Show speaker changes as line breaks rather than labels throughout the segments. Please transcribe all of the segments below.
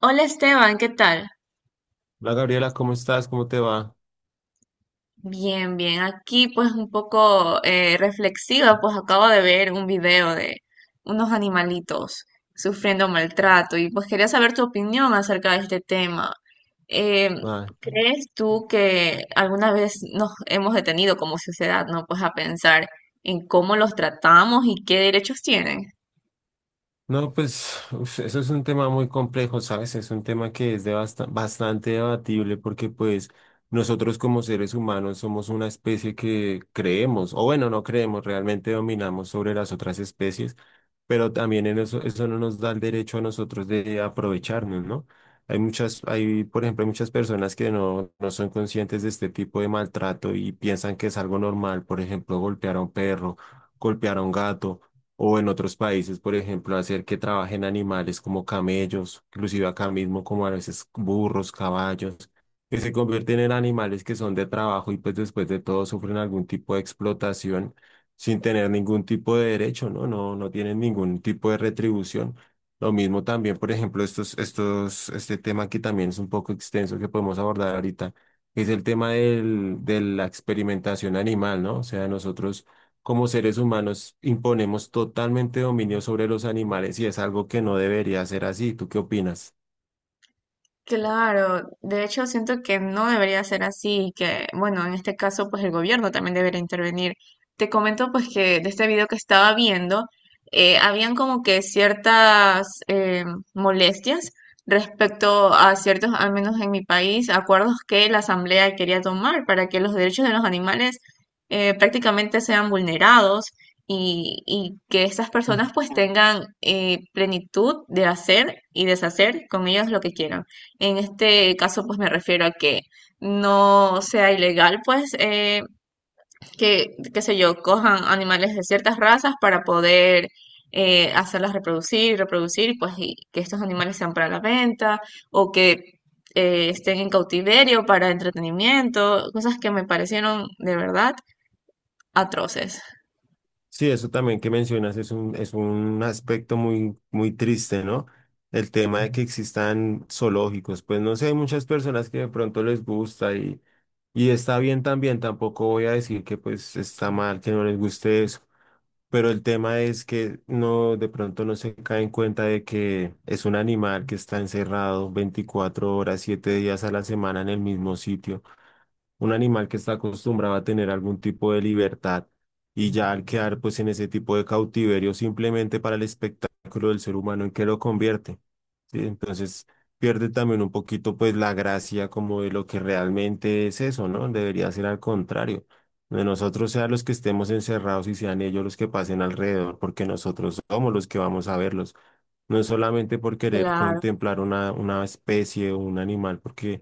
Hola Esteban, ¿qué tal?
Hola Gabriela, ¿cómo estás? ¿Cómo te va?
Bien, bien. Aquí pues un poco reflexiva, pues acabo de ver un video de unos animalitos sufriendo maltrato y pues quería saber tu opinión acerca de este tema. Em,
Ay,
¿Crees tú que alguna vez nos hemos detenido como sociedad, ¿no? Pues a pensar en cómo los tratamos y qué derechos tienen?
no, pues uf, eso es un tema muy complejo, ¿sabes? Es un tema que es de bastante debatible, porque pues nosotros como seres humanos somos una especie que creemos, o bueno, no creemos, realmente dominamos sobre las otras especies, pero también en eso, eso no nos da el derecho a nosotros de aprovecharnos, ¿no? Hay, por ejemplo, hay muchas personas que no son conscientes de este tipo de maltrato y piensan que es algo normal, por ejemplo, golpear a un perro, golpear a un gato o en otros países, por ejemplo, hacer que trabajen animales como camellos, inclusive acá mismo como a veces burros, caballos, que se convierten en animales que son de trabajo y pues después de todo sufren algún tipo de explotación sin tener ningún tipo de derecho, ¿no? No, no tienen ningún tipo de retribución. Lo mismo también, por ejemplo, este tema que también es un poco extenso que podemos abordar ahorita, es el tema de la experimentación animal, ¿no? O sea, nosotros como seres humanos imponemos totalmente dominio sobre los animales y es algo que no debería ser así. ¿Tú qué opinas?
Claro, de hecho siento que no debería ser así y que, bueno, en este caso pues el gobierno también debería intervenir. Te comento pues que de este video que estaba viendo, habían como que ciertas molestias respecto a ciertos, al menos en mi país, acuerdos que la Asamblea quería tomar para que los derechos de los animales prácticamente sean vulnerados y que estas
Mm.
personas pues tengan plenitud de hacer y deshacer con ellos lo que quieran. En este caso, pues me refiero a que no sea ilegal, pues, que, qué sé yo, cojan animales de ciertas razas para poder hacerlas reproducir, pues, y que estos animales sean para la venta o que estén en cautiverio para entretenimiento, cosas que me parecieron de verdad atroces.
Sí, eso también que mencionas es un aspecto muy, muy triste, ¿no? El tema de que existan zoológicos, pues no sé, hay muchas personas que de pronto les gusta y está bien también, tampoco voy a decir que pues está mal, que no les guste eso, pero el tema es que no, de pronto no se cae en cuenta de que es un animal que está encerrado 24 horas, 7 días a la semana en el mismo sitio. Un animal que está acostumbrado a tener algún tipo de libertad y ya al quedar pues en ese tipo de cautiverio simplemente para el espectáculo del ser humano en que lo convierte. Sí, entonces pierde también un poquito pues la gracia como de lo que realmente es eso, ¿no? Debería ser al contrario. De nosotros sean los que estemos encerrados y sean ellos los que pasen alrededor, porque nosotros somos los que vamos a verlos. No es solamente por querer
Claro.
contemplar una especie o un animal, porque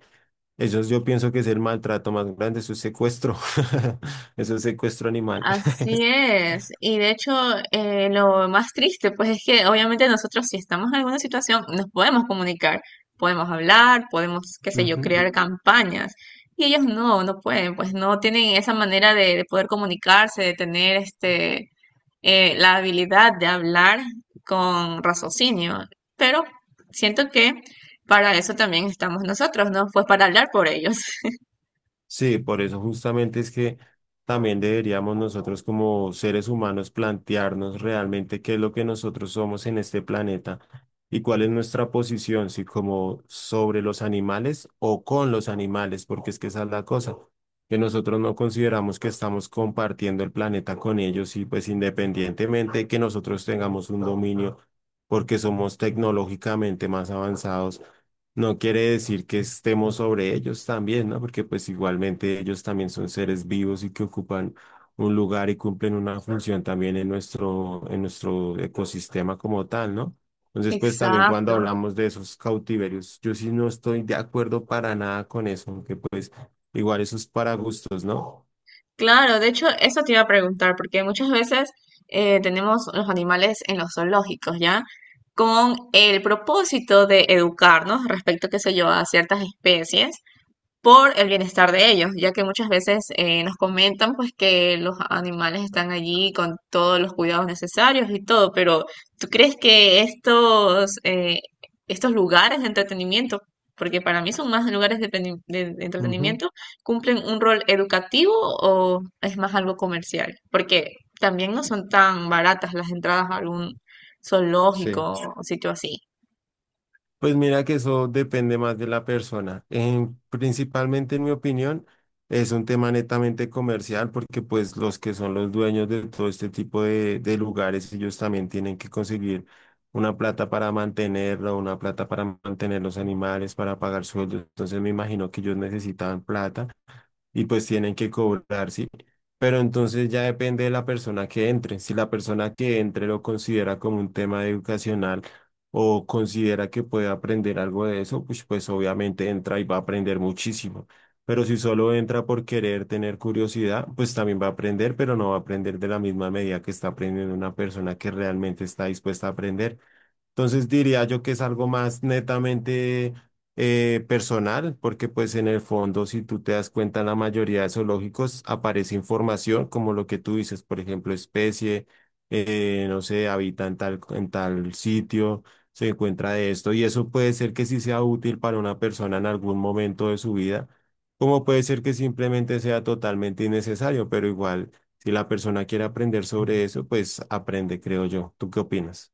yo pienso que es el maltrato más grande, eso es secuestro, eso es secuestro animal.
Así es, y de hecho lo más triste pues es que obviamente nosotros si estamos en alguna situación nos podemos comunicar, podemos hablar, podemos, qué sé yo,
Ujú.
crear campañas y ellos no, no pueden, pues no tienen esa manera de poder comunicarse, de tener este la habilidad de hablar con raciocinio, pero siento que para eso también estamos nosotros, ¿no? Pues para hablar por ellos.
Sí, por eso justamente es que también deberíamos nosotros como seres humanos plantearnos realmente qué es lo que nosotros somos en este planeta y cuál es nuestra posición, si como sobre los animales o con los animales, porque es que esa es la cosa, que nosotros no consideramos que estamos compartiendo el planeta con ellos y pues independientemente que nosotros tengamos un dominio porque somos tecnológicamente más avanzados. No quiere decir que estemos sobre ellos también, ¿no? Porque pues igualmente ellos también son seres vivos y que ocupan un lugar y cumplen una función también en en nuestro ecosistema como tal, ¿no? Entonces, pues también cuando
Exacto.
hablamos de esos cautiverios, yo sí no estoy de acuerdo para nada con eso, aunque pues igual eso es para gustos, ¿no?
Claro, de hecho, eso te iba a preguntar, porque muchas veces tenemos los animales en los zoológicos, ¿ya? Con el propósito de educarnos respecto, qué sé yo, a ciertas especies, por el bienestar de ellos, ya que muchas veces nos comentan pues que los animales están allí con todos los cuidados necesarios y todo, pero ¿tú crees que estos, estos lugares de entretenimiento, porque para mí son más lugares de, de
Ujú,
entretenimiento, cumplen un rol educativo o es más algo comercial? Porque también no son tan baratas las entradas a algún
sí.
zoológico o sitio así.
Pues mira que eso depende más de la persona. Principalmente, en mi opinión, es un tema netamente comercial, porque pues los que son los dueños de todo este tipo de lugares, ellos también tienen que conseguir una plata para mantenerlo, una plata para mantener los animales, para pagar sueldos. Entonces me imagino que ellos necesitaban plata y pues tienen que cobrar, ¿sí? Pero entonces ya depende de la persona que entre. Si la persona que entre lo considera como un tema educacional o considera que puede aprender algo de eso, pues, pues obviamente entra y va a aprender muchísimo. Pero si solo entra por querer tener curiosidad, pues también va a aprender, pero no va a aprender de la misma medida que está aprendiendo una persona que realmente está dispuesta a aprender. Entonces diría yo que es algo más netamente personal, porque pues en el fondo, si tú te das cuenta, en la mayoría de zoológicos aparece información como lo que tú dices, por ejemplo, especie, no sé, habita en tal sitio, se encuentra de esto, y eso puede ser que sí sea útil para una persona en algún momento de su vida, como puede ser que simplemente sea totalmente innecesario, pero igual, si la persona quiere aprender sobre eso, pues aprende, creo yo. ¿Tú qué opinas?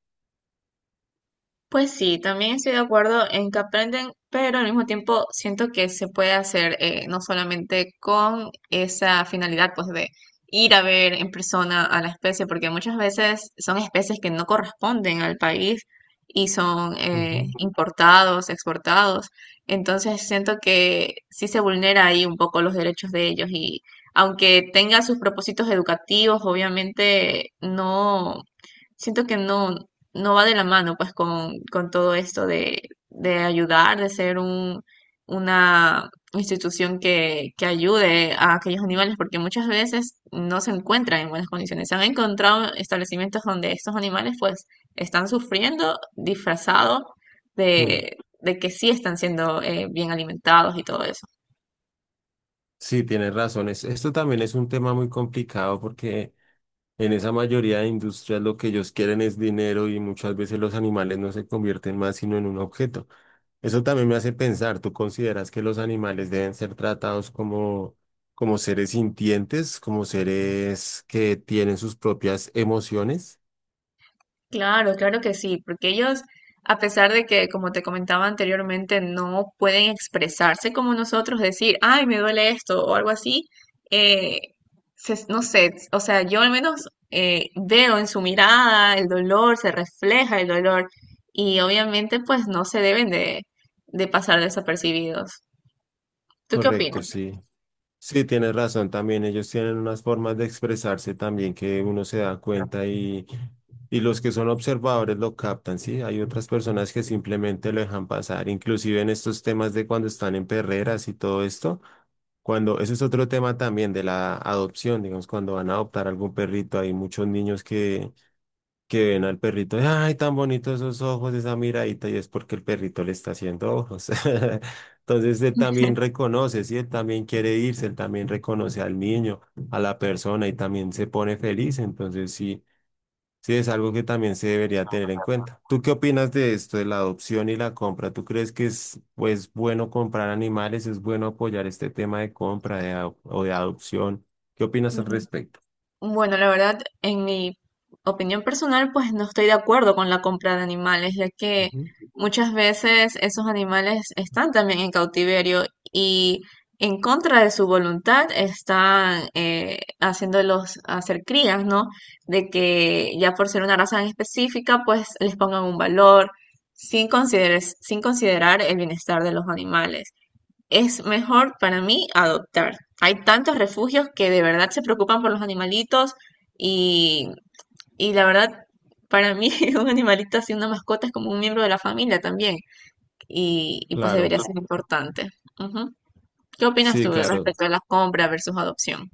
Pues sí, también estoy de acuerdo en que aprenden, pero al mismo tiempo siento que se puede hacer no solamente con esa finalidad pues de ir a ver en persona a la especie, porque muchas veces son especies que no corresponden al país y son
Ujú.
importados, exportados. Entonces siento que sí se vulnera ahí un poco los derechos de ellos y aunque tenga sus propósitos educativos, obviamente no siento que no, no va de la mano pues con todo esto de ayudar, de ser un, una institución que ayude a aquellos animales, porque muchas veces no se encuentran en buenas condiciones. Se han encontrado establecimientos donde estos animales pues están sufriendo disfrazados
Mm.
de que sí están siendo bien alimentados y todo eso.
Sí, tienes razón. Esto también es un tema muy complicado, porque en esa mayoría de industrias lo que ellos quieren es dinero y muchas veces los animales no se convierten más sino en un objeto. Eso también me hace pensar, ¿tú consideras que los animales deben ser tratados como seres sintientes, como seres que tienen sus propias emociones?
Claro, claro que sí, porque ellos, a pesar de que, como te comentaba anteriormente, no pueden expresarse como nosotros, decir, ay, me duele esto o algo así, eh, no sé, o sea, yo al menos veo en su mirada el dolor, se refleja el dolor y obviamente pues no se deben de pasar desapercibidos. ¿Tú qué
Correcto,
opinas?
sí. Sí, tienes razón, también ellos tienen unas formas de expresarse también que uno se da cuenta y los que son observadores lo captan, ¿sí? Hay otras personas que simplemente lo dejan pasar, inclusive en estos temas de cuando están en perreras y todo esto, cuando, eso es otro tema también de la adopción, digamos, cuando van a adoptar algún perrito, hay muchos niños que ven al perrito, ay, tan bonitos esos ojos, esa miradita, y es porque el perrito le está haciendo ojos. Entonces él también reconoce, sí, él también quiere irse, él también reconoce al niño, a la persona y también se pone feliz. Entonces sí, sí es algo que también se debería tener en cuenta. ¿Tú qué opinas de esto, de la adopción y la compra? ¿Tú crees que es pues bueno comprar animales, es bueno apoyar este tema de compra de, o de adopción? ¿Qué opinas al respecto?
Bueno, la verdad, en mi opinión personal, pues no estoy de acuerdo con la compra de animales, ya que
Ujú.
muchas veces esos animales están también en cautiverio y en contra de su voluntad están haciéndolos hacer crías, ¿no? De que ya por ser una raza en específica, pues les pongan un valor sin considerar el bienestar de los animales. Es mejor para mí adoptar. Hay tantos refugios que de verdad se preocupan por los animalitos y, y la verdad, para mí un animalito así, una mascota es como un miembro de la familia también y pues
Claro,
debería ser importante. Ujú. ¿Qué opinas
sí,
tú
claro.
respecto a la compra versus adopción?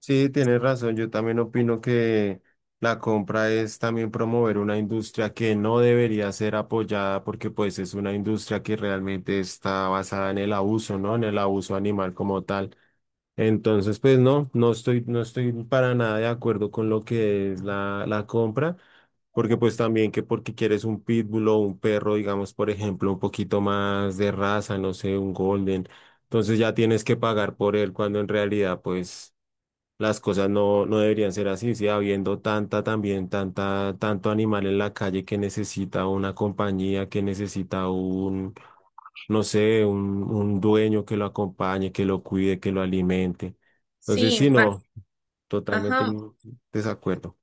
Sí, tienes razón. Yo también opino que la compra es también promover una industria que no debería ser apoyada, porque pues es una industria que realmente está basada en el abuso, ¿no? En el abuso animal como tal. Entonces, pues no, no estoy para nada de acuerdo con lo que es la compra. Porque pues también que porque quieres un pitbull o un perro, digamos, por ejemplo, un poquito más de raza, no sé, un golden, entonces ya tienes que pagar por él cuando en realidad pues las cosas no, no deberían ser así, sí, habiendo tanta también, tanto animal en la calle que necesita una compañía, que necesita no sé, un dueño que lo acompañe, que lo cuide, que lo alimente. Entonces,
Sí,
sí,
más,
no, totalmente
ajá,
en desacuerdo.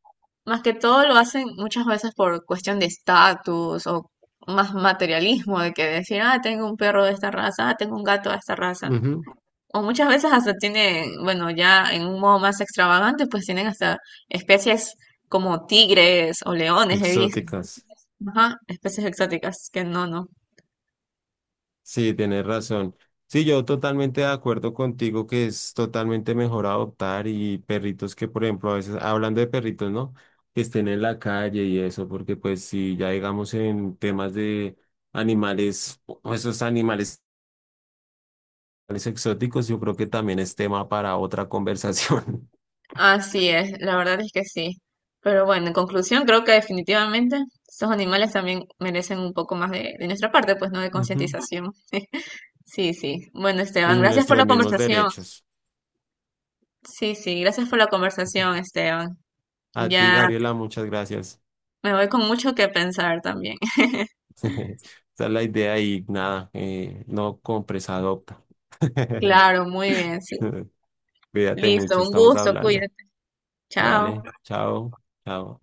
más que todo lo hacen muchas veces por cuestión de estatus o más materialismo de que decir, ah, tengo un perro de esta raza, ah, tengo un gato de esta raza.
Ujú.
O muchas veces hasta tienen, bueno, ya en un modo más extravagante, pues tienen hasta especies como tigres o leones, he visto.
Exóticas.
Ajá, especies exóticas, que no, no.
Sí, tienes razón. Sí, yo totalmente de acuerdo contigo que es totalmente mejor adoptar y perritos que, por ejemplo, a veces, hablando de perritos, ¿no? Que estén en la calle y eso, porque pues si ya digamos en temas de animales, o esos animales exóticos, yo creo que también es tema para otra conversación.
Así es, la verdad es que sí. Pero bueno, en conclusión, creo que definitivamente estos animales también merecen un poco más de nuestra parte, pues no de
Ujú.
concientización. Sí, sí. Bueno, Esteban,
Y
gracias por
nuestros
la
mismos
conversación.
derechos.
Sí, sí, gracias por la
Ujú.
conversación, Esteban.
A ti,
Ya
Gabriela, muchas gracias.
me voy con mucho que pensar también.
Esa es la idea y nada, no compres, adopta.
Claro, muy bien, sí.
Cuídate
Listo,
mucho,
un
estamos
gusto,
hablando.
cuídate. Chao.
Dale, chao, chao.